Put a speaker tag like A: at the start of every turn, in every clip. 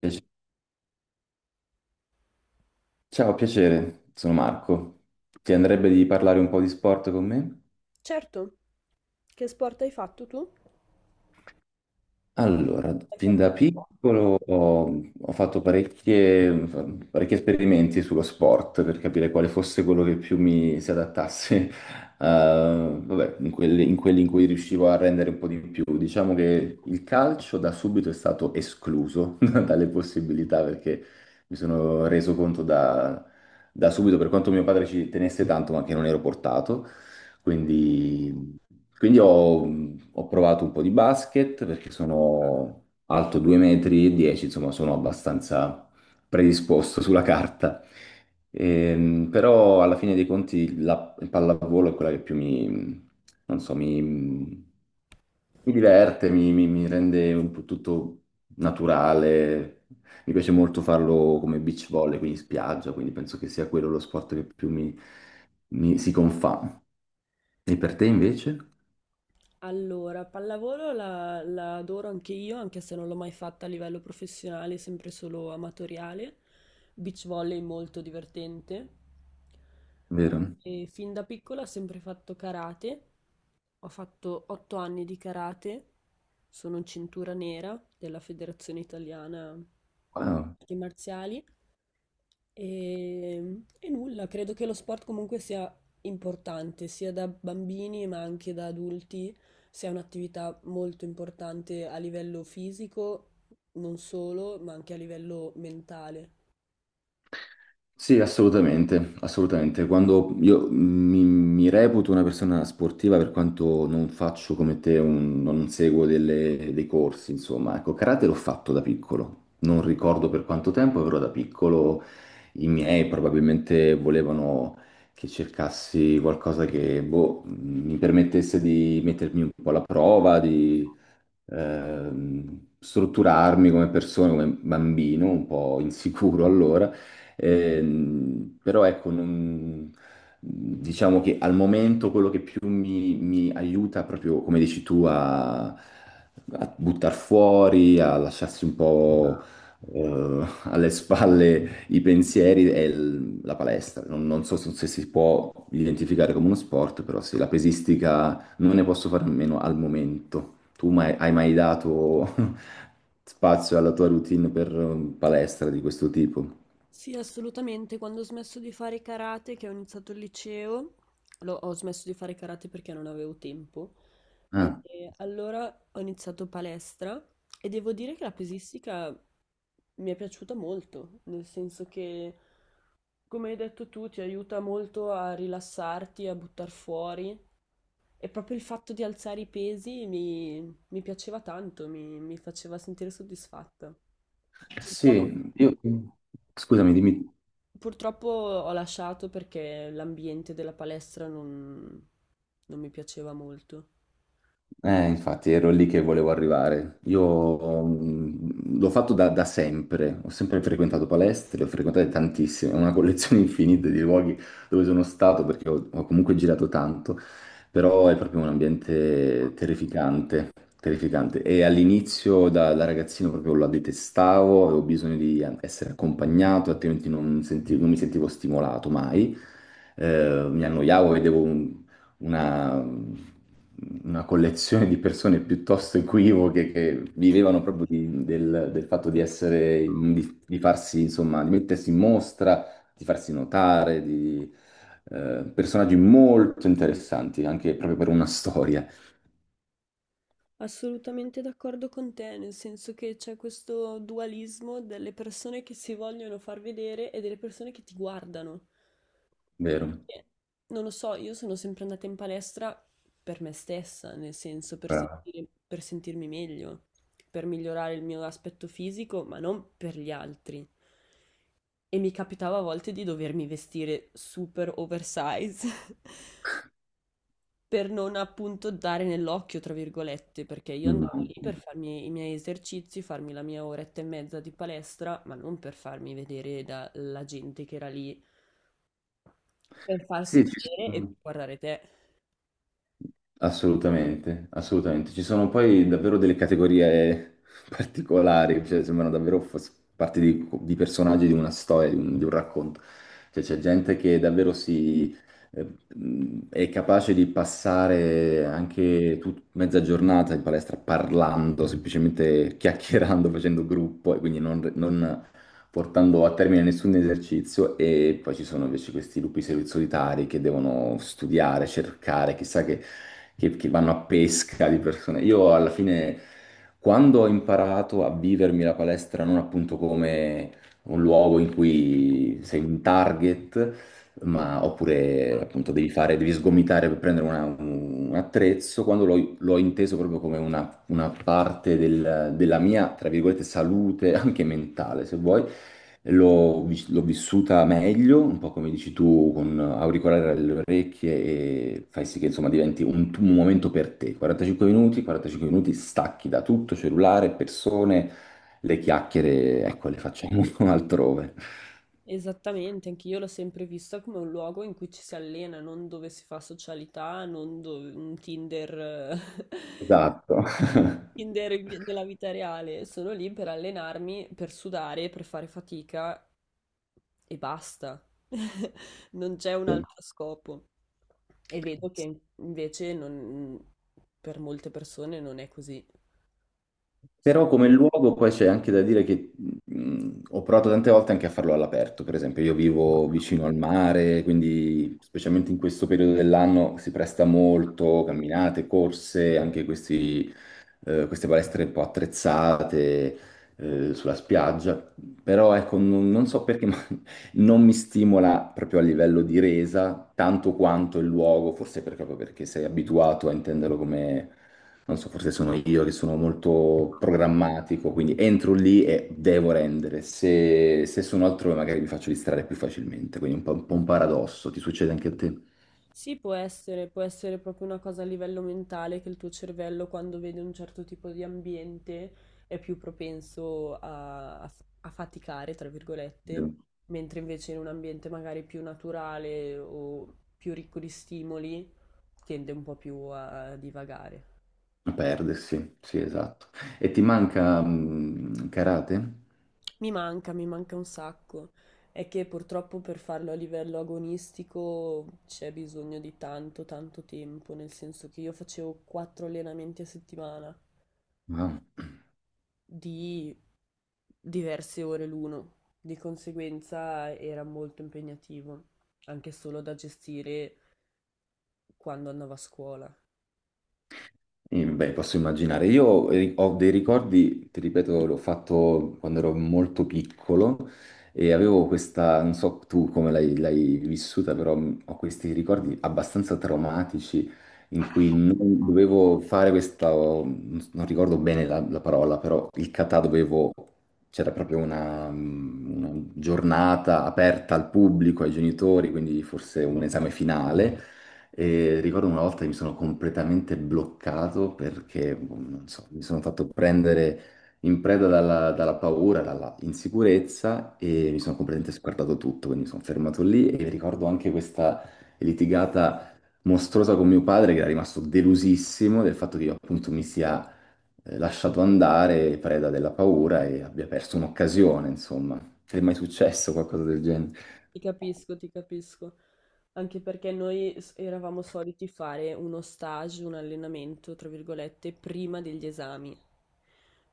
A: Piace- Ciao, piacere, sono Marco. Ti andrebbe di parlare un po' di sport con me?
B: Certo, che sport hai fatto tu?
A: Allora,
B: Hai
A: fin
B: fatto-
A: da piccolo ho parecchi esperimenti sullo sport per capire quale fosse quello che più mi si adattasse, vabbè, in quelli in cui riuscivo a rendere un po' di più. Diciamo che il calcio da subito è stato escluso dalle possibilità perché mi sono reso conto da subito, per quanto mio padre ci tenesse tanto, ma che non ero portato. Quindi quindi ho provato un po' di basket perché sono alto 2 metri e 10, insomma sono abbastanza predisposto sulla carta. Però alla fine dei conti la il pallavolo è quella che più non so, mi, diverte, mi rende un po' tutto naturale. Mi piace molto farlo come beach volley, quindi in spiaggia, quindi penso che sia quello lo sport che più si confà. E per te invece?
B: Allora, pallavolo la adoro anche io, anche se non l'ho mai fatta a livello professionale, sempre solo amatoriale. Beach volley molto divertente.
A: Vero?
B: E fin da piccola ho sempre fatto karate. Ho fatto 8 anni di karate. Sono cintura nera della Federazione Italiana
A: Ah,
B: Arti Marziali. E nulla, credo che lo sport comunque sia importante, sia da bambini ma anche da adulti, sia un'attività molto importante a livello fisico, non solo, ma anche a livello mentale.
A: sì, assolutamente, assolutamente. Quando io mi reputo una persona sportiva per quanto non faccio come te, non dei corsi, insomma, ecco, karate l'ho fatto da piccolo. Non ricordo per quanto tempo, però da piccolo i miei probabilmente volevano che cercassi qualcosa che boh, mi permettesse di mettermi un po' alla prova, strutturarmi come persona, come bambino, un po' insicuro allora, però ecco, diciamo che al momento quello che più mi aiuta proprio, come dici tu, a buttar fuori, a lasciarsi un po' alle spalle i pensieri è la palestra. Non so se se si può identificare come uno sport, però sì, la pesistica non ne posso fare a meno al momento. Tu mai- hai mai dato spazio alla tua routine per palestra di questo tipo?
B: Sì, assolutamente. Quando ho smesso di fare karate, che ho iniziato il liceo, ho smesso di fare karate perché non avevo tempo. E
A: Ah,
B: e allora ho iniziato palestra e devo dire che la pesistica mi è piaciuta molto, nel senso che, come hai detto tu, ti aiuta molto a rilassarti, a buttar fuori, e proprio il fatto di alzare i pesi mi piaceva tanto, mi faceva sentire soddisfatta. Purtroppo,
A: sì, io... Scusami, dimmi.
B: purtroppo, ho lasciato perché l'ambiente della palestra non mi piaceva molto.
A: Infatti ero lì che volevo arrivare. Io mm, l'ho fatto da sempre, ho sempre frequentato palestre, le ho frequentato tantissime, ho una collezione infinita di luoghi dove sono stato perché ho comunque girato tanto, però è proprio un ambiente terrificante, terrificante. E all'inizio da ragazzino proprio la detestavo, avevo bisogno di essere accompagnato, altrimenti non mi sentivo stimolato mai mi annoiavo, una, una collezione di persone piuttosto equivoche che vivevano proprio del fatto di essere, di farsi, insomma, di mettersi in mostra, di farsi notare, di personaggi molto interessanti, anche proprio per una storia,
B: Assolutamente d'accordo con te, nel senso che c'è questo dualismo delle persone che si vogliono far vedere e delle persone che ti guardano.
A: vero?
B: Eh, Non lo so, io sono sempre andata in palestra per me stessa, nel senso
A: Brava.
B: per sentirmi meglio, per migliorare il mio aspetto fisico, ma non per gli altri. E mi capitava a volte di dovermi vestire super oversize per non appunto dare nell'occhio, tra virgolette, perché io andavo lì
A: Immagino.
B: per farmi i miei esercizi, farmi la mia oretta e mezza di palestra, ma non per farmi vedere dalla gente che era lì, per farsi
A: Sì, ci
B: vedere e per
A: sono.
B: guardare te.
A: Assolutamente, assolutamente. Ci sono poi davvero delle categorie particolari, cioè sembrano davvero parte di personaggi di una storia, di un racconto. Cioè c'è gente che davvero eh, è capace di passare anche mezza giornata in palestra parlando, semplicemente chiacchierando, facendo gruppo e quindi non, portando a termine nessun esercizio e poi ci sono invece questi lupi solitari che devono studiare, cercare, chissà che, che vanno a pesca di persone. Io alla fine, quando ho imparato a vivermi la palestra non appunto come un luogo in cui sei un target, ma oppure appunto devi fare, devi sgomitare per prendere un attrezzo, quando l'ho inteso proprio come una parte della mia, tra virgolette, salute, anche mentale, se vuoi. L'ho vissuta meglio, un po' come dici tu, con auricolare alle orecchie e fai sì che insomma diventi un momento per te. 45 minuti, 45 minuti stacchi da tutto, cellulare, persone, le chiacchiere, ecco, le facciamo altrove.
B: Esattamente, anche io l'ho sempre vista come un luogo in cui ci si allena, non dove si fa socialità, non dove, un Tinder,
A: Esatto.
B: Della vita reale. Sono lì per allenarmi, per sudare, per fare fatica e basta. Non c'è un altro scopo. E vedo
A: Sì.
B: che invece per molte persone non è così.
A: Però come luogo poi c'è anche da dire che ho provato tante volte anche a farlo all'aperto, per esempio io vivo vicino al mare, quindi specialmente in questo periodo dell'anno si presta molto, camminate, corse, anche questi, queste palestre un po' attrezzate sulla spiaggia, però ecco non so perché non mi stimola proprio a livello di resa tanto quanto il luogo, forse proprio perché sei abituato a intenderlo come, non so, forse sono io che sono molto programmatico, quindi entro lì e devo rendere. Se sono altrove magari mi faccio distrarre più facilmente, quindi un po' un paradosso, ti succede anche a te?
B: Sì, può essere proprio una cosa a livello mentale, che il tuo cervello quando vede un certo tipo di ambiente è più propenso a faticare, tra virgolette,
A: Vero.
B: mentre invece in un ambiente magari più naturale o più ricco di stimoli tende un po' più a divagare.
A: A perdersi, sì, esatto. E ti manca mm, karate?
B: Mi manca un sacco. È che purtroppo per farlo a livello agonistico c'è bisogno di tanto, tanto tempo, nel senso che io facevo 4 allenamenti a settimana,
A: Wow.
B: di diverse ore l'uno, di conseguenza era molto impegnativo, anche solo da gestire quando andavo a scuola.
A: Beh, posso immaginare. Io ho dei ricordi, ti ripeto, l'ho fatto quando ero molto piccolo e avevo questa, non so tu come l'hai vissuta, però ho questi ricordi abbastanza traumatici in cui non dovevo fare questa, non ricordo bene la parola, però il kata dovevo, c'era proprio una giornata aperta al pubblico, ai genitori, quindi forse un esame finale. E ricordo una volta che mi sono completamente bloccato perché, boh, non so, mi sono fatto prendere in preda dalla paura, dalla insicurezza e mi sono completamente sguardato tutto, quindi mi sono fermato lì e ricordo anche questa litigata mostruosa con mio padre che era rimasto delusissimo del fatto che io appunto mi sia lasciato andare preda della paura e abbia perso un'occasione, insomma. Ti è mai successo qualcosa del genere?
B: Ti capisco, ti capisco. Anche perché noi eravamo soliti fare uno stage, un allenamento, tra virgolette, prima degli esami.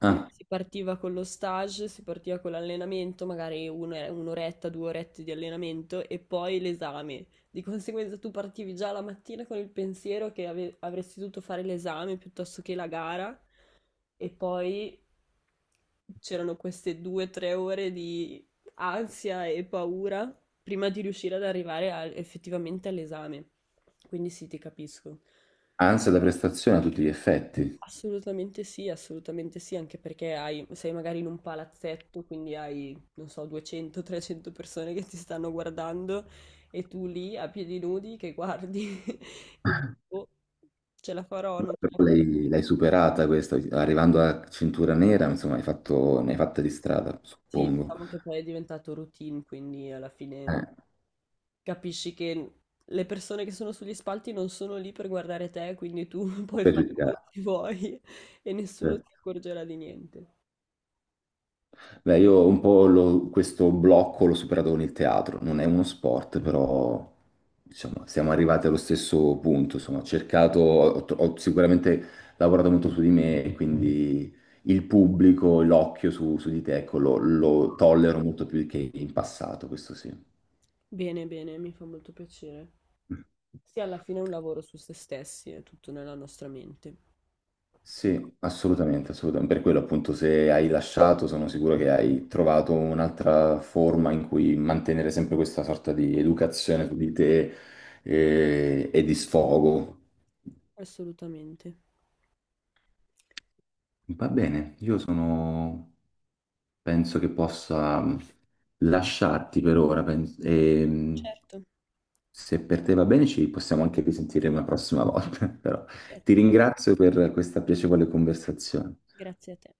B: Quindi
A: Ah,
B: si partiva con lo stage, si partiva con l'allenamento, magari un'oretta, due orette di allenamento e poi l'esame. Di conseguenza tu partivi già la mattina con il pensiero che avresti dovuto fare l'esame piuttosto che la gara, e poi c'erano queste due o tre ore di ansia e paura prima di riuscire ad arrivare effettivamente all'esame. Quindi sì, ti capisco.
A: ansia da prestazione a tutti gli effetti.
B: Assolutamente sì, anche perché sei magari in un palazzetto, quindi hai, non so, 200-300 persone che ti stanno guardando e tu lì a piedi nudi che guardi e dici, "Boh, ce la farò, non ce la farò."
A: L'hai superata questa, arrivando a cintura nera, insomma, hai fatto, ne hai fatta di strada,
B: Sì,
A: suppongo.
B: diciamo che poi è diventato routine, quindi alla fine
A: Eh,
B: capisci che le persone che sono sugli spalti non sono lì per guardare te, quindi tu puoi
A: per
B: fare quello
A: giudicare.
B: che vuoi e nessuno
A: Eh.
B: si accorgerà di niente.
A: Beh, io un po' questo blocco l'ho superato con il teatro, non è uno sport, però diciamo, siamo arrivati allo stesso punto, insomma, ho cercato, ho sicuramente lavorato molto su di me, e quindi il pubblico, l'occhio su di te, ecco, lo tollero molto più che in passato, questo sì.
B: Bene, bene, mi fa molto piacere. Sì, alla fine è un lavoro su se stessi, è tutto nella nostra mente.
A: Sì, assolutamente, assolutamente. Per quello appunto se hai lasciato sono sicuro che hai trovato un'altra forma in cui mantenere sempre questa sorta di educazione su di te e, di sfogo.
B: Assolutamente.
A: Va bene, io sono... penso che possa mm, lasciarti per ora e
B: Certo,
A: se per te va bene ci possiamo anche risentire una prossima volta, però ti
B: certo.
A: ringrazio per questa piacevole conversazione.
B: Grazie a te.